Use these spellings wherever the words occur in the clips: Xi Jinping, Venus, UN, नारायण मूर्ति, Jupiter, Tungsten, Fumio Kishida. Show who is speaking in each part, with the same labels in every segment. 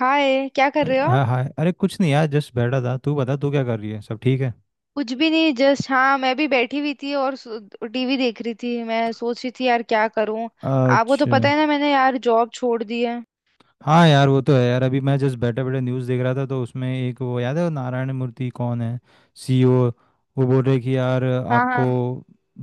Speaker 1: हाय क्या कर रहे हो आप?
Speaker 2: हाँ हाँ, अरे कुछ नहीं यार, जस्ट बैठा था। तू बता, तू क्या कर रही है? सब ठीक है?
Speaker 1: कुछ भी नहीं जस्ट, हाँ मैं भी बैठी हुई थी और टीवी देख रही थी। मैं सोच रही थी यार क्या करूं। आपको तो
Speaker 2: अच्छा।
Speaker 1: पता
Speaker 2: हम्म।
Speaker 1: है ना, मैंने यार जॉब छोड़ दी है।
Speaker 2: हाँ यार, वो तो है यार, अभी मैं जस्ट बैठे बैठे न्यूज़ देख रहा था, तो उसमें एक वो, याद है वो नारायण मूर्ति कौन है, सीईओ। वो बोल रहे कि यार
Speaker 1: हाँ
Speaker 2: आपको
Speaker 1: हाँ।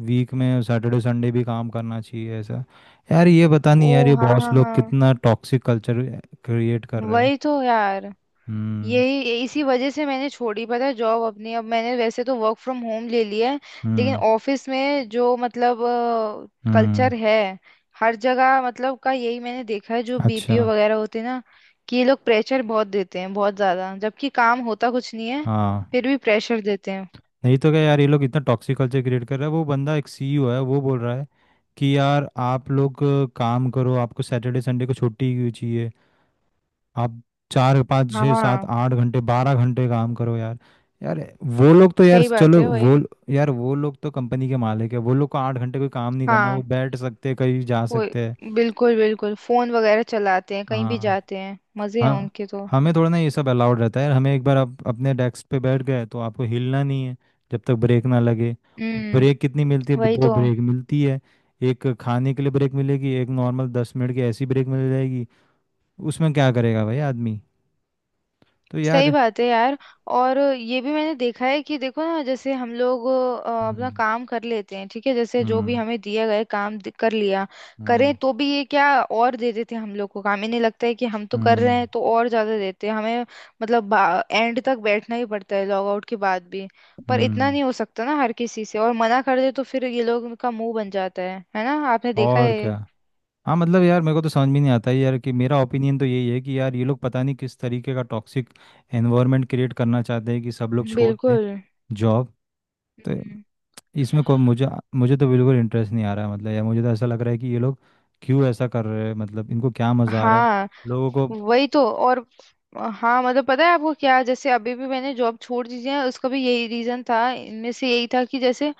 Speaker 2: वीक में सैटरडे संडे भी काम करना चाहिए, ऐसा। यार ये पता
Speaker 1: ओ,
Speaker 2: नहीं यार, ये
Speaker 1: हाँ
Speaker 2: बॉस
Speaker 1: हाँ
Speaker 2: लोग
Speaker 1: हाँ।
Speaker 2: कितना टॉक्सिक कल्चर क्रिएट कर रहे हैं।
Speaker 1: वही तो यार।
Speaker 2: हम्म।
Speaker 1: यही, इसी वजह से मैंने छोड़ी पता है जॉब अपनी। अब मैंने वैसे तो वर्क फ्रॉम होम ले लिया है, लेकिन
Speaker 2: हम्म।
Speaker 1: ऑफिस में जो मतलब
Speaker 2: हम्म।
Speaker 1: कल्चर है, हर जगह मतलब का यही मैंने देखा है, जो
Speaker 2: अच्छा।
Speaker 1: बीपीओ वगैरह होते हैं ना, कि ये लोग प्रेशर बहुत देते हैं, बहुत ज्यादा, जबकि काम होता कुछ नहीं है।
Speaker 2: हाँ।
Speaker 1: फिर भी प्रेशर देते हैं।
Speaker 2: नहीं तो क्या यार, ये लोग इतना टॉक्सिक कल्चर क्रिएट कर रहा है। वो बंदा एक सीईओ है, वो बोल रहा है कि यार आप लोग काम करो, आपको सैटरडे संडे को छुट्टी क्यों चाहिए? आप चार पाँच छः सात
Speaker 1: हाँ,
Speaker 2: आठ घंटे बारह घंटे काम करो यार। यार वो लोग तो यार
Speaker 1: सही बात
Speaker 2: चलो
Speaker 1: है, वही।
Speaker 2: वो। यार वो लोग तो कंपनी के मालिक है, वो लोग को 8 घंटे कोई काम नहीं करना, वो
Speaker 1: हाँ
Speaker 2: बैठ सकते हैं, कहीं जा
Speaker 1: वो,
Speaker 2: सकते हैं।
Speaker 1: बिल्कुल बिल्कुल फोन वगैरह चलाते हैं, कहीं भी
Speaker 2: हाँ।
Speaker 1: जाते हैं, मजे हैं
Speaker 2: हाँ।
Speaker 1: उनके तो।
Speaker 2: हमें थोड़ा ना ये सब अलाउड रहता है यार, हमें एक बार आप अपने डेस्क पे बैठ गए तो आपको हिलना नहीं है जब तक ब्रेक ना लगे। ब्रेक
Speaker 1: हम्म,
Speaker 2: कितनी मिलती है?
Speaker 1: वही
Speaker 2: दो
Speaker 1: तो।
Speaker 2: ब्रेक मिलती है। एक खाने के लिए ब्रेक मिलेगी, एक नॉर्मल 10 मिनट की ऐसी ब्रेक मिल जाएगी। उसमें क्या करेगा भाई आदमी, तो
Speaker 1: सही
Speaker 2: यार।
Speaker 1: बात है यार। और ये भी मैंने देखा है कि देखो ना, जैसे हम लोग अपना
Speaker 2: हम्म।
Speaker 1: काम कर लेते हैं, ठीक है, जैसे जो भी
Speaker 2: हम्म।
Speaker 1: हमें दिया गया काम कर लिया करें,
Speaker 2: हम्म।
Speaker 1: तो भी ये क्या, और दे देते हैं हम लोग को काम। इन्हें लगता है कि हम तो कर रहे
Speaker 2: हम्म।
Speaker 1: हैं तो और ज्यादा देते हैं हमें। मतलब एंड तक बैठना ही पड़ता है, लॉग आउट के बाद भी। पर इतना
Speaker 2: हम्म,
Speaker 1: नहीं हो सकता ना हर किसी से, और मना कर दे तो फिर ये लोग का मुंह बन जाता है ना, आपने देखा
Speaker 2: और क्या।
Speaker 1: है।
Speaker 2: हाँ मतलब यार, मेरे को तो समझ भी नहीं आता है यार कि मेरा ओपिनियन तो यही है कि यार ये लोग पता नहीं किस तरीके का टॉक्सिक एनवायरनमेंट क्रिएट करना चाहते हैं कि सब लोग छोड़ के
Speaker 1: बिल्कुल।
Speaker 2: जॉब।
Speaker 1: हम्म।
Speaker 2: इसमें कोई मुझे मुझे तो बिल्कुल इंटरेस्ट नहीं आ रहा है, मतलब या मुझे तो ऐसा लग रहा है कि ये लोग क्यों ऐसा कर रहे हैं, मतलब इनको क्या मज़ा आ रहा है
Speaker 1: हाँ,
Speaker 2: लोगों को?
Speaker 1: वही तो। और हाँ मतलब, पता है आपको क्या, जैसे अभी भी मैंने जॉब छोड़ दी है, उसका भी यही रीजन था, इनमें से यही था कि जैसे,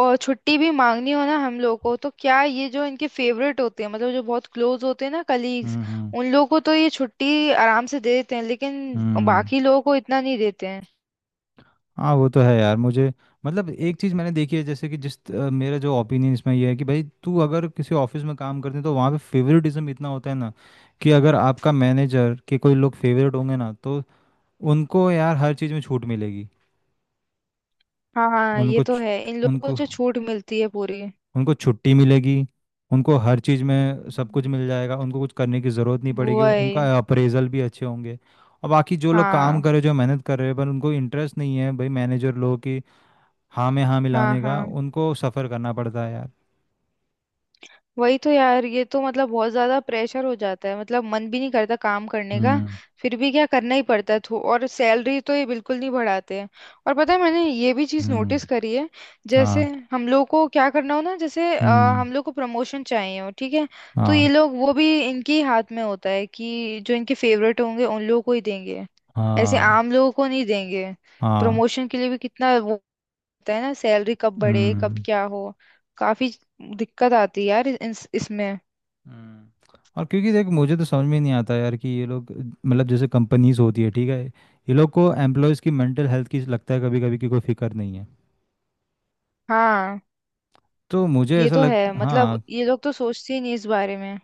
Speaker 1: और छुट्टी भी मांगनी हो ना हम लोग को तो क्या, ये जो इनके फेवरेट होते हैं, मतलब जो बहुत क्लोज होते हैं ना कलीग्स,
Speaker 2: हम्म। हम्म।
Speaker 1: उन लोगों को तो ये छुट्टी आराम से दे देते हैं, लेकिन
Speaker 2: हम्म।
Speaker 1: बाकी लोगों को इतना नहीं देते हैं।
Speaker 2: हाँ वो तो है यार, मुझे। मतलब एक चीज़ मैंने देखी है, जैसे कि जिस मेरा जो ओपिनियन इसमें ये है कि भाई तू अगर किसी ऑफिस में काम करते हैं तो वहाँ पे फेवरेटिज्म इतना होता है ना, कि अगर आपका मैनेजर के कोई लोग फेवरेट होंगे ना तो उनको यार हर चीज़ में छूट मिलेगी।
Speaker 1: हाँ हाँ, ये
Speaker 2: उनको
Speaker 1: तो
Speaker 2: च-
Speaker 1: है, इन लोगों को
Speaker 2: उनको
Speaker 1: जो छूट मिलती है पूरी।
Speaker 2: उनको छुट्टी मिलेगी। उनको हर चीज़ में सब कुछ मिल जाएगा, उनको कुछ करने की ज़रूरत नहीं पड़ेगी,
Speaker 1: वही।
Speaker 2: उनका अप्रेजल भी अच्छे होंगे। और बाकी जो लोग काम
Speaker 1: हाँ
Speaker 2: कर रहे, जो मेहनत कर रहे हैं, पर उनको इंटरेस्ट नहीं है, भाई मैनेजर लोगों की हाँ में हाँ
Speaker 1: हाँ
Speaker 2: मिलाने का
Speaker 1: हाँ।
Speaker 2: उनको सफ़र करना पड़ता है यार।
Speaker 1: वही तो यार, ये तो मतलब बहुत ज्यादा प्रेशर हो जाता है, मतलब मन भी नहीं करता काम करने का।
Speaker 2: हम्म।
Speaker 1: फिर भी क्या, करना ही पड़ता है तो। और सैलरी तो ये बिल्कुल नहीं बढ़ाते हैं। और पता है, मैंने ये भी चीज
Speaker 2: हम्म।
Speaker 1: नोटिस करी है, जैसे
Speaker 2: हाँ।
Speaker 1: हम लोग को क्या करना हो ना, जैसे
Speaker 2: हम्म।
Speaker 1: हम लोग को प्रमोशन चाहिए हो, ठीक है, तो ये
Speaker 2: हाँ।
Speaker 1: लोग, वो भी इनके ही हाथ में होता है कि जो इनके फेवरेट होंगे उन लोगों को ही देंगे, ऐसे
Speaker 2: हाँ।
Speaker 1: आम लोगों को नहीं देंगे।
Speaker 2: हाँ।
Speaker 1: प्रमोशन के लिए भी कितना होता है ना, सैलरी कब बढ़े, कब
Speaker 2: हम्म।
Speaker 1: क्या हो, काफी दिक्कत आती है यार इसमें।
Speaker 2: हम्म। और क्योंकि देख, मुझे तो समझ में नहीं आता यार कि ये लोग, मतलब जैसे कंपनीज होती है, ठीक है, ये लोग को एम्प्लॉयज़ की मेंटल हेल्थ की, लगता है कभी कभी कि कोई फिक्र नहीं है,
Speaker 1: हाँ
Speaker 2: तो मुझे
Speaker 1: ये
Speaker 2: ऐसा
Speaker 1: तो
Speaker 2: लग।
Speaker 1: है, मतलब
Speaker 2: हाँ।
Speaker 1: ये लोग तो सोचते ही नहीं इस बारे में।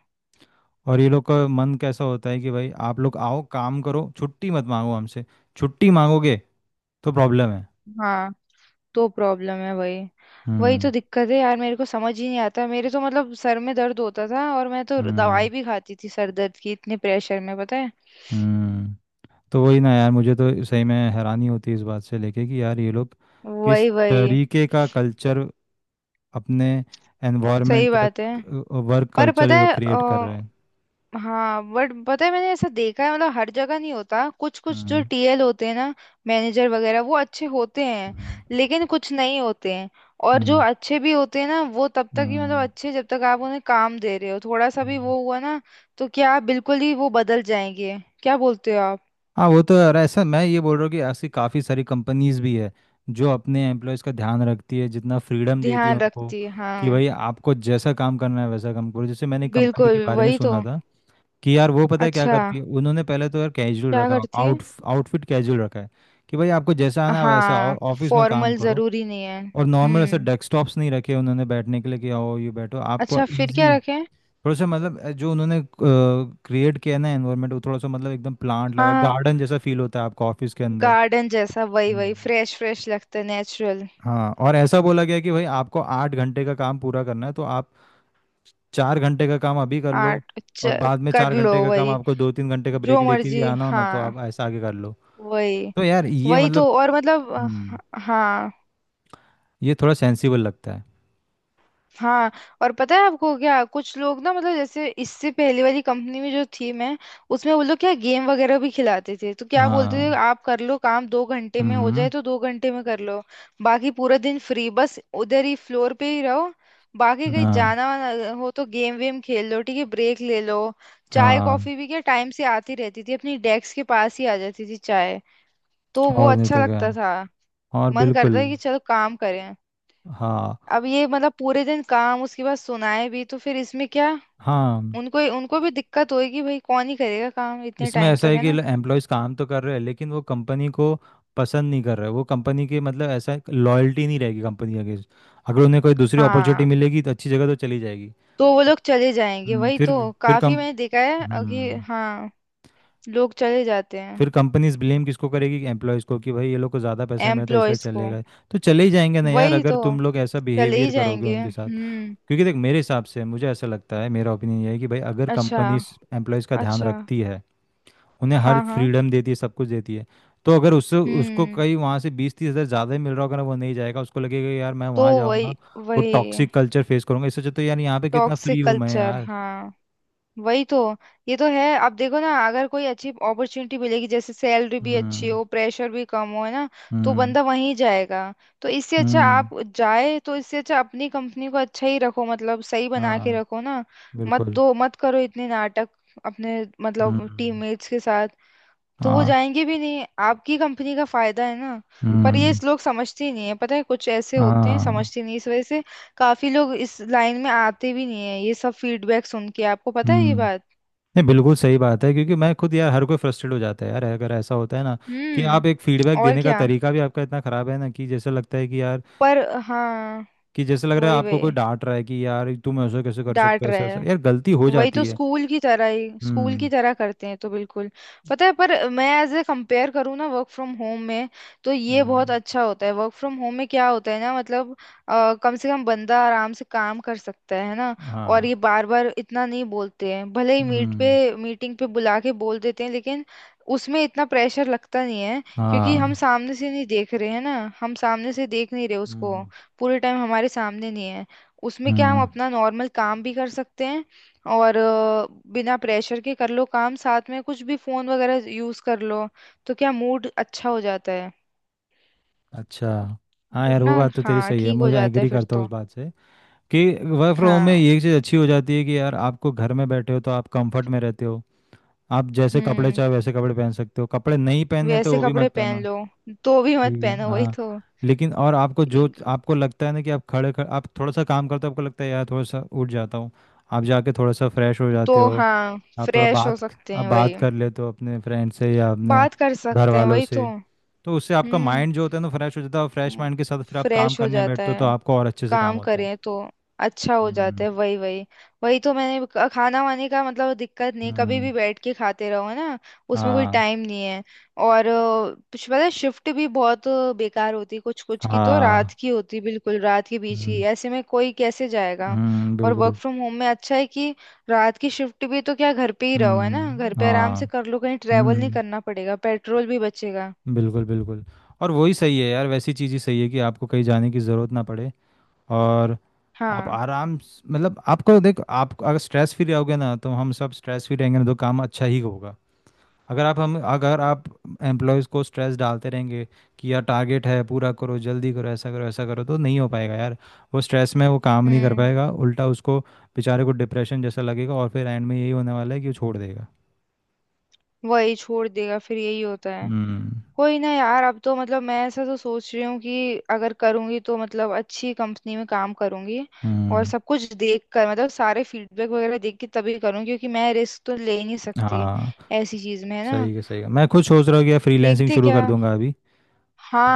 Speaker 2: और ये लोग का मन कैसा होता है कि भाई आप लोग आओ काम करो, छुट्टी मत मांगो हमसे। छुट्टी मांगोगे तो प्रॉब्लम है।
Speaker 1: हाँ, तो प्रॉब्लम है वही। वही तो
Speaker 2: हम्म।
Speaker 1: दिक्कत है यार, मेरे को समझ ही नहीं आता मेरे तो, मतलब सर में दर्द होता था और मैं तो
Speaker 2: हम्म।
Speaker 1: दवाई भी खाती थी सर दर्द की, इतने प्रेशर में पता है।
Speaker 2: हम्म। तो वही ना यार, मुझे तो सही में हैरानी होती है इस बात से लेके कि यार ये लोग किस
Speaker 1: वही वही।
Speaker 2: तरीके का कल्चर, अपने
Speaker 1: सही
Speaker 2: एनवायरनमेंट
Speaker 1: बात है।
Speaker 2: का वर्क
Speaker 1: पर
Speaker 2: कल्चर
Speaker 1: पता
Speaker 2: ये
Speaker 1: है
Speaker 2: लोग क्रिएट कर रहे हैं।
Speaker 1: हाँ बट, पता है मैंने ऐसा देखा है, मतलब हर जगह नहीं होता, कुछ कुछ जो
Speaker 2: हम्म।
Speaker 1: टीएल होते हैं ना, मैनेजर वगैरह, वो अच्छे होते हैं,
Speaker 2: हम्म।
Speaker 1: लेकिन कुछ नहीं होते हैं। और जो
Speaker 2: हम्म।
Speaker 1: अच्छे भी होते हैं ना, वो तब तक ही मतलब
Speaker 2: हम्म,
Speaker 1: अच्छे, जब तक आप उन्हें काम दे रहे हो, थोड़ा सा भी
Speaker 2: हम्म।
Speaker 1: वो हुआ ना, तो क्या बिल्कुल ही वो बदल जाएंगे। क्या बोलते हो आप?
Speaker 2: हाँ वो तो यार, ऐसा मैं ये बोल रहा हूँ कि ऐसी काफ़ी सारी कंपनीज भी है जो अपने एम्प्लॉयज़ का ध्यान रखती है, जितना फ्रीडम देती है
Speaker 1: ध्यान
Speaker 2: उनको,
Speaker 1: रखती है,
Speaker 2: कि
Speaker 1: हाँ।
Speaker 2: भाई आपको जैसा काम करना है वैसा काम करो। जैसे मैंने एक कंपनी के
Speaker 1: बिल्कुल,
Speaker 2: बारे में
Speaker 1: वही तो।
Speaker 2: सुना था कि यार, वो पता है क्या
Speaker 1: अच्छा,
Speaker 2: करती है, उन्होंने पहले तो यार कैजुअल
Speaker 1: क्या
Speaker 2: रखा,
Speaker 1: करती है?
Speaker 2: आउटफिट कैजुअल रखा है कि भाई आपको जैसा आना है वैसा
Speaker 1: हाँ,
Speaker 2: आओ ऑफिस में काम
Speaker 1: फॉर्मल
Speaker 2: करो।
Speaker 1: जरूरी नहीं है।
Speaker 2: और नॉर्मल ऐसे
Speaker 1: हम्म।
Speaker 2: डेस्कटॉप्स नहीं रखे उन्होंने बैठने के लिए कि आओ ये बैठो आपको
Speaker 1: अच्छा, फिर क्या
Speaker 2: इजी।
Speaker 1: रखें?
Speaker 2: थोड़ा सा मतलब जो उन्होंने क्रिएट किया है ना एनवायरनमेंट, वो थोड़ा सा मतलब एकदम प्लांट
Speaker 1: हाँ
Speaker 2: लगा,
Speaker 1: हाँ,
Speaker 2: गार्डन जैसा फील होता है आपको ऑफिस के अंदर।
Speaker 1: गार्डन जैसा, वही वही,
Speaker 2: हम्म।
Speaker 1: फ्रेश फ्रेश लगता है, नेचुरल।
Speaker 2: हाँ, और ऐसा बोला गया कि भाई आपको 8 घंटे का काम पूरा करना है तो आप 4 घंटे का काम अभी कर लो,
Speaker 1: आर्ट
Speaker 2: और बाद में
Speaker 1: कर
Speaker 2: चार
Speaker 1: लो,
Speaker 2: घंटे का काम
Speaker 1: वही।
Speaker 2: आपको 2-3 घंटे का ब्रेक
Speaker 1: जो
Speaker 2: लेके भी
Speaker 1: मर्जी,
Speaker 2: आना हो ना तो
Speaker 1: हाँ।
Speaker 2: आप ऐसा आगे कर लो।
Speaker 1: वही।
Speaker 2: तो यार ये
Speaker 1: वही तो,
Speaker 2: मतलब।
Speaker 1: और मतलब
Speaker 2: हम्म।
Speaker 1: हाँ।
Speaker 2: ये थोड़ा सेंसिबल लगता है।
Speaker 1: हाँ। और पता है आपको क्या, कुछ लोग ना, मतलब जैसे इससे पहले वाली कंपनी में जो थी मैं, उसमें वो लोग क्या, गेम वगैरह भी खिलाते थे, तो क्या बोलते
Speaker 2: हाँ।
Speaker 1: थे, आप कर लो काम, 2 घंटे में हो जाए
Speaker 2: हम्म।
Speaker 1: तो 2 घंटे में कर लो। बाकी पूरा दिन फ्री, बस उधर ही फ्लोर पे ही रहो। बाकी कहीं
Speaker 2: हाँ।
Speaker 1: जाना वाना हो तो गेम वेम खेल लो, ठीक है, ब्रेक ले लो। चाय
Speaker 2: हाँ,
Speaker 1: कॉफी भी क्या टाइम से आती रहती थी, अपनी डेस्क के पास ही आ जाती थी चाय, तो वो
Speaker 2: और नहीं
Speaker 1: अच्छा
Speaker 2: तो क्या,
Speaker 1: लगता था।
Speaker 2: और
Speaker 1: मन करता
Speaker 2: बिल्कुल।
Speaker 1: है कि चलो काम करें।
Speaker 2: हाँ।
Speaker 1: अब ये मतलब पूरे दिन काम, उसके बाद सुनाए भी, तो फिर इसमें क्या।
Speaker 2: हाँ।
Speaker 1: उनको, उनको भी दिक्कत होगी भाई, कौन ही करेगा काम इतने
Speaker 2: इसमें
Speaker 1: टाइम
Speaker 2: ऐसा
Speaker 1: तक,
Speaker 2: है
Speaker 1: है
Speaker 2: कि
Speaker 1: ना।
Speaker 2: एम्प्लॉयज़ काम तो कर रहे हैं लेकिन वो कंपनी को पसंद नहीं कर रहे, वो कंपनी के, मतलब ऐसा लॉयल्टी नहीं रहेगी कंपनी के अगेंस्ट। अगर उन्हें कोई दूसरी अपॉर्चुनिटी
Speaker 1: हाँ,
Speaker 2: मिलेगी तो अच्छी जगह तो चली जाएगी।
Speaker 1: तो वो लोग चले जाएंगे,
Speaker 2: हम्म,
Speaker 1: वही
Speaker 2: फिर
Speaker 1: तो,
Speaker 2: फिर
Speaker 1: काफी
Speaker 2: कम,
Speaker 1: मैंने देखा है कि
Speaker 2: हम्म,
Speaker 1: हाँ, लोग चले जाते हैं।
Speaker 2: फिर कंपनीज ब्लेम किसको करेगी कि एम्प्लॉयज़ को, कि भाई ये लोग को ज़्यादा पैसा मिलता है इसलिए
Speaker 1: एम्प्लॉयज
Speaker 2: चले
Speaker 1: को,
Speaker 2: गए। तो चले ही जाएंगे ना यार,
Speaker 1: वही
Speaker 2: अगर
Speaker 1: तो
Speaker 2: तुम लोग ऐसा
Speaker 1: चले ही
Speaker 2: बिहेवियर करोगे
Speaker 1: जाएंगे।
Speaker 2: उनके साथ।
Speaker 1: हम्म।
Speaker 2: क्योंकि देख, मेरे हिसाब से मुझे ऐसा लगता है, मेरा ओपिनियन ये है कि भाई अगर
Speaker 1: अच्छा
Speaker 2: कंपनीज एम्प्लॉयज़ का ध्यान
Speaker 1: अच्छा।
Speaker 2: रखती है, उन्हें हर
Speaker 1: हाँ हाँ।
Speaker 2: फ्रीडम देती है, सब कुछ देती है, तो अगर उससे उसको
Speaker 1: हम्म।
Speaker 2: कहीं वहाँ से 20-30 हज़ार ज़्यादा ही मिल रहा होगा ना, वो नहीं जाएगा। उसको लगेगा यार मैं
Speaker 1: तो
Speaker 2: वहाँ
Speaker 1: वही
Speaker 2: जाऊँगा, वो
Speaker 1: वही।
Speaker 2: टॉक्सिक कल्चर फेस करूँगा, इससे अच्छा तो यार यहाँ पे कितना फ्री
Speaker 1: टॉक्सिक
Speaker 2: हूँ मैं
Speaker 1: कल्चर,
Speaker 2: यार।
Speaker 1: हाँ, वही तो। ये तो है, अब देखो ना, अगर कोई अच्छी अपॉर्चुनिटी मिलेगी, जैसे सैलरी भी अच्छी
Speaker 2: हम्म।
Speaker 1: हो, प्रेशर भी कम हो, है ना, तो
Speaker 2: हम्म।
Speaker 1: बंदा वहीं जाएगा। तो इससे अच्छा
Speaker 2: हम्म।
Speaker 1: आप, जाए तो इससे अच्छा अपनी कंपनी को अच्छा ही रखो, मतलब सही बना के
Speaker 2: हाँ
Speaker 1: रखो ना। मत
Speaker 2: बिल्कुल।
Speaker 1: दो, मत करो इतने नाटक अपने, मतलब
Speaker 2: हम्म।
Speaker 1: टीममेट्स के साथ, तो वो
Speaker 2: हाँ।
Speaker 1: जाएंगे भी नहीं। आपकी कंपनी का फायदा है ना। पर ये
Speaker 2: हम्म।
Speaker 1: इस लोग समझते ही नहीं है, पता है, कुछ ऐसे होते हैं
Speaker 2: हाँ।
Speaker 1: समझते नहीं, इस वजह से काफी लोग इस लाइन में आते भी नहीं है, ये सब फीडबैक सुन के। आपको पता है ये
Speaker 2: हम्म।
Speaker 1: बात?
Speaker 2: नहीं बिल्कुल सही बात है, क्योंकि मैं खुद यार, हर कोई फ्रस्ट्रेट हो जाता है यार अगर ऐसा होता है ना, कि
Speaker 1: हम्म,
Speaker 2: आप एक फीडबैक
Speaker 1: और
Speaker 2: देने का
Speaker 1: क्या।
Speaker 2: तरीका भी आपका इतना खराब है ना, कि जैसे लगता है कि यार,
Speaker 1: पर हाँ।
Speaker 2: कि जैसे लग रहा है
Speaker 1: वही
Speaker 2: आपको कोई
Speaker 1: वही,
Speaker 2: डांट रहा है, कि यार तुम ऐसा कैसे कर सकते
Speaker 1: डांट
Speaker 2: हो, ऐसा
Speaker 1: रहे।
Speaker 2: ऐसा यार गलती हो
Speaker 1: वही तो,
Speaker 2: जाती है।
Speaker 1: स्कूल की तरह ही, स्कूल की
Speaker 2: हम्म।
Speaker 1: तरह करते हैं तो, बिल्कुल। पता है, पर मैं एज ए कंपेयर करूँ ना, वर्क फ्रॉम होम में तो ये बहुत
Speaker 2: हम्म।
Speaker 1: अच्छा होता है। वर्क फ्रॉम होम में क्या होता है ना, मतलब कम से कम बंदा आराम से काम कर सकता है ना। और
Speaker 2: हाँ।
Speaker 1: ये बार बार इतना नहीं बोलते हैं, भले ही मीट पे,
Speaker 2: हम्म।
Speaker 1: मीटिंग पे बुला के बोल देते हैं, लेकिन उसमें इतना प्रेशर लगता नहीं है, क्योंकि हम
Speaker 2: हाँ।
Speaker 1: सामने से नहीं देख रहे हैं ना, हम सामने से देख नहीं रहे उसको,
Speaker 2: हम्म।
Speaker 1: पूरे टाइम हमारे सामने नहीं है। उसमें क्या, हम
Speaker 2: हम्म।
Speaker 1: अपना नॉर्मल काम भी कर सकते हैं और बिना प्रेशर के कर लो काम, साथ में कुछ भी फोन वगैरह यूज कर लो, तो क्या मूड अच्छा हो जाता है।
Speaker 2: अच्छा। हाँ
Speaker 1: मूड
Speaker 2: यार,
Speaker 1: ना,
Speaker 2: वो बात तो तेरी
Speaker 1: हाँ
Speaker 2: सही है,
Speaker 1: ठीक हो
Speaker 2: मुझे
Speaker 1: जाता है
Speaker 2: एग्री
Speaker 1: फिर
Speaker 2: करता हूँ
Speaker 1: तो।
Speaker 2: उस बात से कि वर्क फ्रॉम होम में
Speaker 1: हाँ।
Speaker 2: ये चीज़ अच्छी हो जाती है कि यार आपको घर में बैठे हो तो आप कंफर्ट में रहते हो। आप जैसे कपड़े
Speaker 1: हम्म।
Speaker 2: चाहे वैसे कपड़े पहन सकते हो, कपड़े नहीं पहनने तो
Speaker 1: वैसे
Speaker 2: वो भी
Speaker 1: कपड़े
Speaker 2: मत
Speaker 1: पहन
Speaker 2: पहनो।
Speaker 1: लो, तो भी मत
Speaker 2: ठीक है।
Speaker 1: पहनो, वही
Speaker 2: हाँ।
Speaker 1: तो।
Speaker 2: लेकिन और आपको जो
Speaker 1: एक-
Speaker 2: आपको लगता है ना कि आप खड़े खड़े आप थोड़ा सा काम करते हो, आपको लगता है यार थोड़ा सा उठ जाता हूँ, आप जाके थोड़ा सा फ्रेश हो
Speaker 1: तो
Speaker 2: जाते हो,
Speaker 1: हाँ,
Speaker 2: आप थोड़ा
Speaker 1: फ्रेश हो
Speaker 2: बात
Speaker 1: सकते
Speaker 2: आप
Speaker 1: हैं, वही।
Speaker 2: बात कर लेते हो अपने फ्रेंड से या अपने
Speaker 1: बात कर
Speaker 2: घर
Speaker 1: सकते हैं,
Speaker 2: वालों
Speaker 1: वही तो।
Speaker 2: से। तो उससे आपका माइंड जो
Speaker 1: हम्म,
Speaker 2: होता है ना फ्रेश हो जाता है, और फ्रेश माइंड के साथ फिर आप काम
Speaker 1: फ्रेश हो
Speaker 2: करने
Speaker 1: जाता
Speaker 2: बैठते हो तो
Speaker 1: है,
Speaker 2: आपको और अच्छे से काम
Speaker 1: काम
Speaker 2: होता है।
Speaker 1: करें तो अच्छा हो जाता
Speaker 2: हम्म।
Speaker 1: है, वही वही। वही तो, मैंने खाना वाने का मतलब दिक्कत नहीं, कभी भी
Speaker 2: हम्म।
Speaker 1: बैठ के खाते रहो, है ना, उसमें कोई
Speaker 2: हाँ।
Speaker 1: टाइम नहीं है। और कुछ, पता है, शिफ्ट भी बहुत बेकार होती है, कुछ कुछ की तो रात
Speaker 2: हाँ।
Speaker 1: की होती, बिल्कुल रात के बीच की,
Speaker 2: हम्म।
Speaker 1: ऐसे में कोई कैसे जाएगा।
Speaker 2: हम्म।
Speaker 1: और वर्क
Speaker 2: बिल्कुल।
Speaker 1: फ्रॉम होम में अच्छा है कि रात की शिफ्ट भी, तो क्या, घर पे ही रहो, है ना, घर
Speaker 2: हम्म।
Speaker 1: पे आराम
Speaker 2: हाँ।
Speaker 1: से कर लो, कहीं
Speaker 2: हम्म।
Speaker 1: ट्रेवल नहीं
Speaker 2: हम्म।
Speaker 1: करना पड़ेगा, पेट्रोल भी बचेगा।
Speaker 2: बिल्कुल बिल्कुल। और वही सही है यार, वैसी चीज़ ही सही है कि आपको कहीं जाने की ज़रूरत ना पड़े। और
Speaker 1: हाँ।
Speaker 2: मतलब आपको देख, आप अगर स्ट्रेस फ्री रहोगे ना तो हम सब स्ट्रेस फ्री रहेंगे ना तो काम अच्छा ही होगा। अगर आप एम्प्लॉयज़ को स्ट्रेस डालते रहेंगे कि यार टारगेट है पूरा करो, जल्दी करो, ऐसा करो ऐसा करो, तो नहीं हो पाएगा यार। वो स्ट्रेस में वो काम नहीं कर
Speaker 1: हम्म।
Speaker 2: पाएगा, उल्टा उसको बेचारे को डिप्रेशन जैसा लगेगा, और फिर एंड में यही होने वाला है कि वो छोड़ देगा।
Speaker 1: वही, छोड़ देगा, फिर यही होता है।
Speaker 2: हम्म।
Speaker 1: कोई ना यार, अब तो मतलब मैं ऐसा तो सोच रही हूँ कि अगर करूंगी तो मतलब अच्छी कंपनी में काम करूंगी, और
Speaker 2: हम्म।
Speaker 1: सब कुछ देख कर, मतलब सारे फीडबैक वगैरह देख के तभी करूँ, क्योंकि मैं रिस्क तो ले ही नहीं सकती
Speaker 2: हाँ।
Speaker 1: ऐसी चीज में, है ना।
Speaker 2: सही है सही है, मैं खुद सोच रहा हूँ कि फ्रीलैंसिंग
Speaker 1: देखते
Speaker 2: शुरू
Speaker 1: क्या।
Speaker 2: कर दूंगा अभी।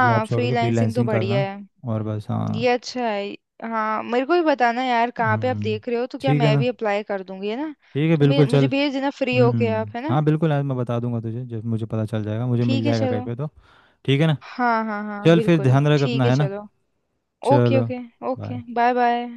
Speaker 2: जॉब छोड़ के
Speaker 1: फ्रीलांसिंग तो
Speaker 2: फ्रीलैंसिंग
Speaker 1: बढ़िया
Speaker 2: करना,
Speaker 1: है,
Speaker 2: और बस।
Speaker 1: ये
Speaker 2: हाँ।
Speaker 1: अच्छा है। हाँ, मेरे को भी बताना यार, कहाँ पे आप
Speaker 2: हम्म।
Speaker 1: देख रहे हो, तो क्या
Speaker 2: ठीक है
Speaker 1: मैं
Speaker 2: ना।
Speaker 1: भी अप्लाई कर दूंगी, है ना।
Speaker 2: ठीक है
Speaker 1: तो
Speaker 2: बिल्कुल,
Speaker 1: मुझे
Speaker 2: चल।
Speaker 1: भेज देना फ्री होके
Speaker 2: हम्म।
Speaker 1: आप, है ना।
Speaker 2: हाँ बिल्कुल, आज मैं बता दूंगा तुझे जब मुझे पता चल जाएगा, मुझे मिल
Speaker 1: ठीक है
Speaker 2: जाएगा कहीं
Speaker 1: चलो।
Speaker 2: पे तो। ठीक है ना,
Speaker 1: हाँ हाँ हाँ,
Speaker 2: चल फिर
Speaker 1: बिल्कुल
Speaker 2: ध्यान रख
Speaker 1: ठीक
Speaker 2: अपना,
Speaker 1: है,
Speaker 2: है ना।
Speaker 1: चलो। ओके
Speaker 2: चलो।
Speaker 1: Okay. Okay,
Speaker 2: bye.
Speaker 1: Bye bye.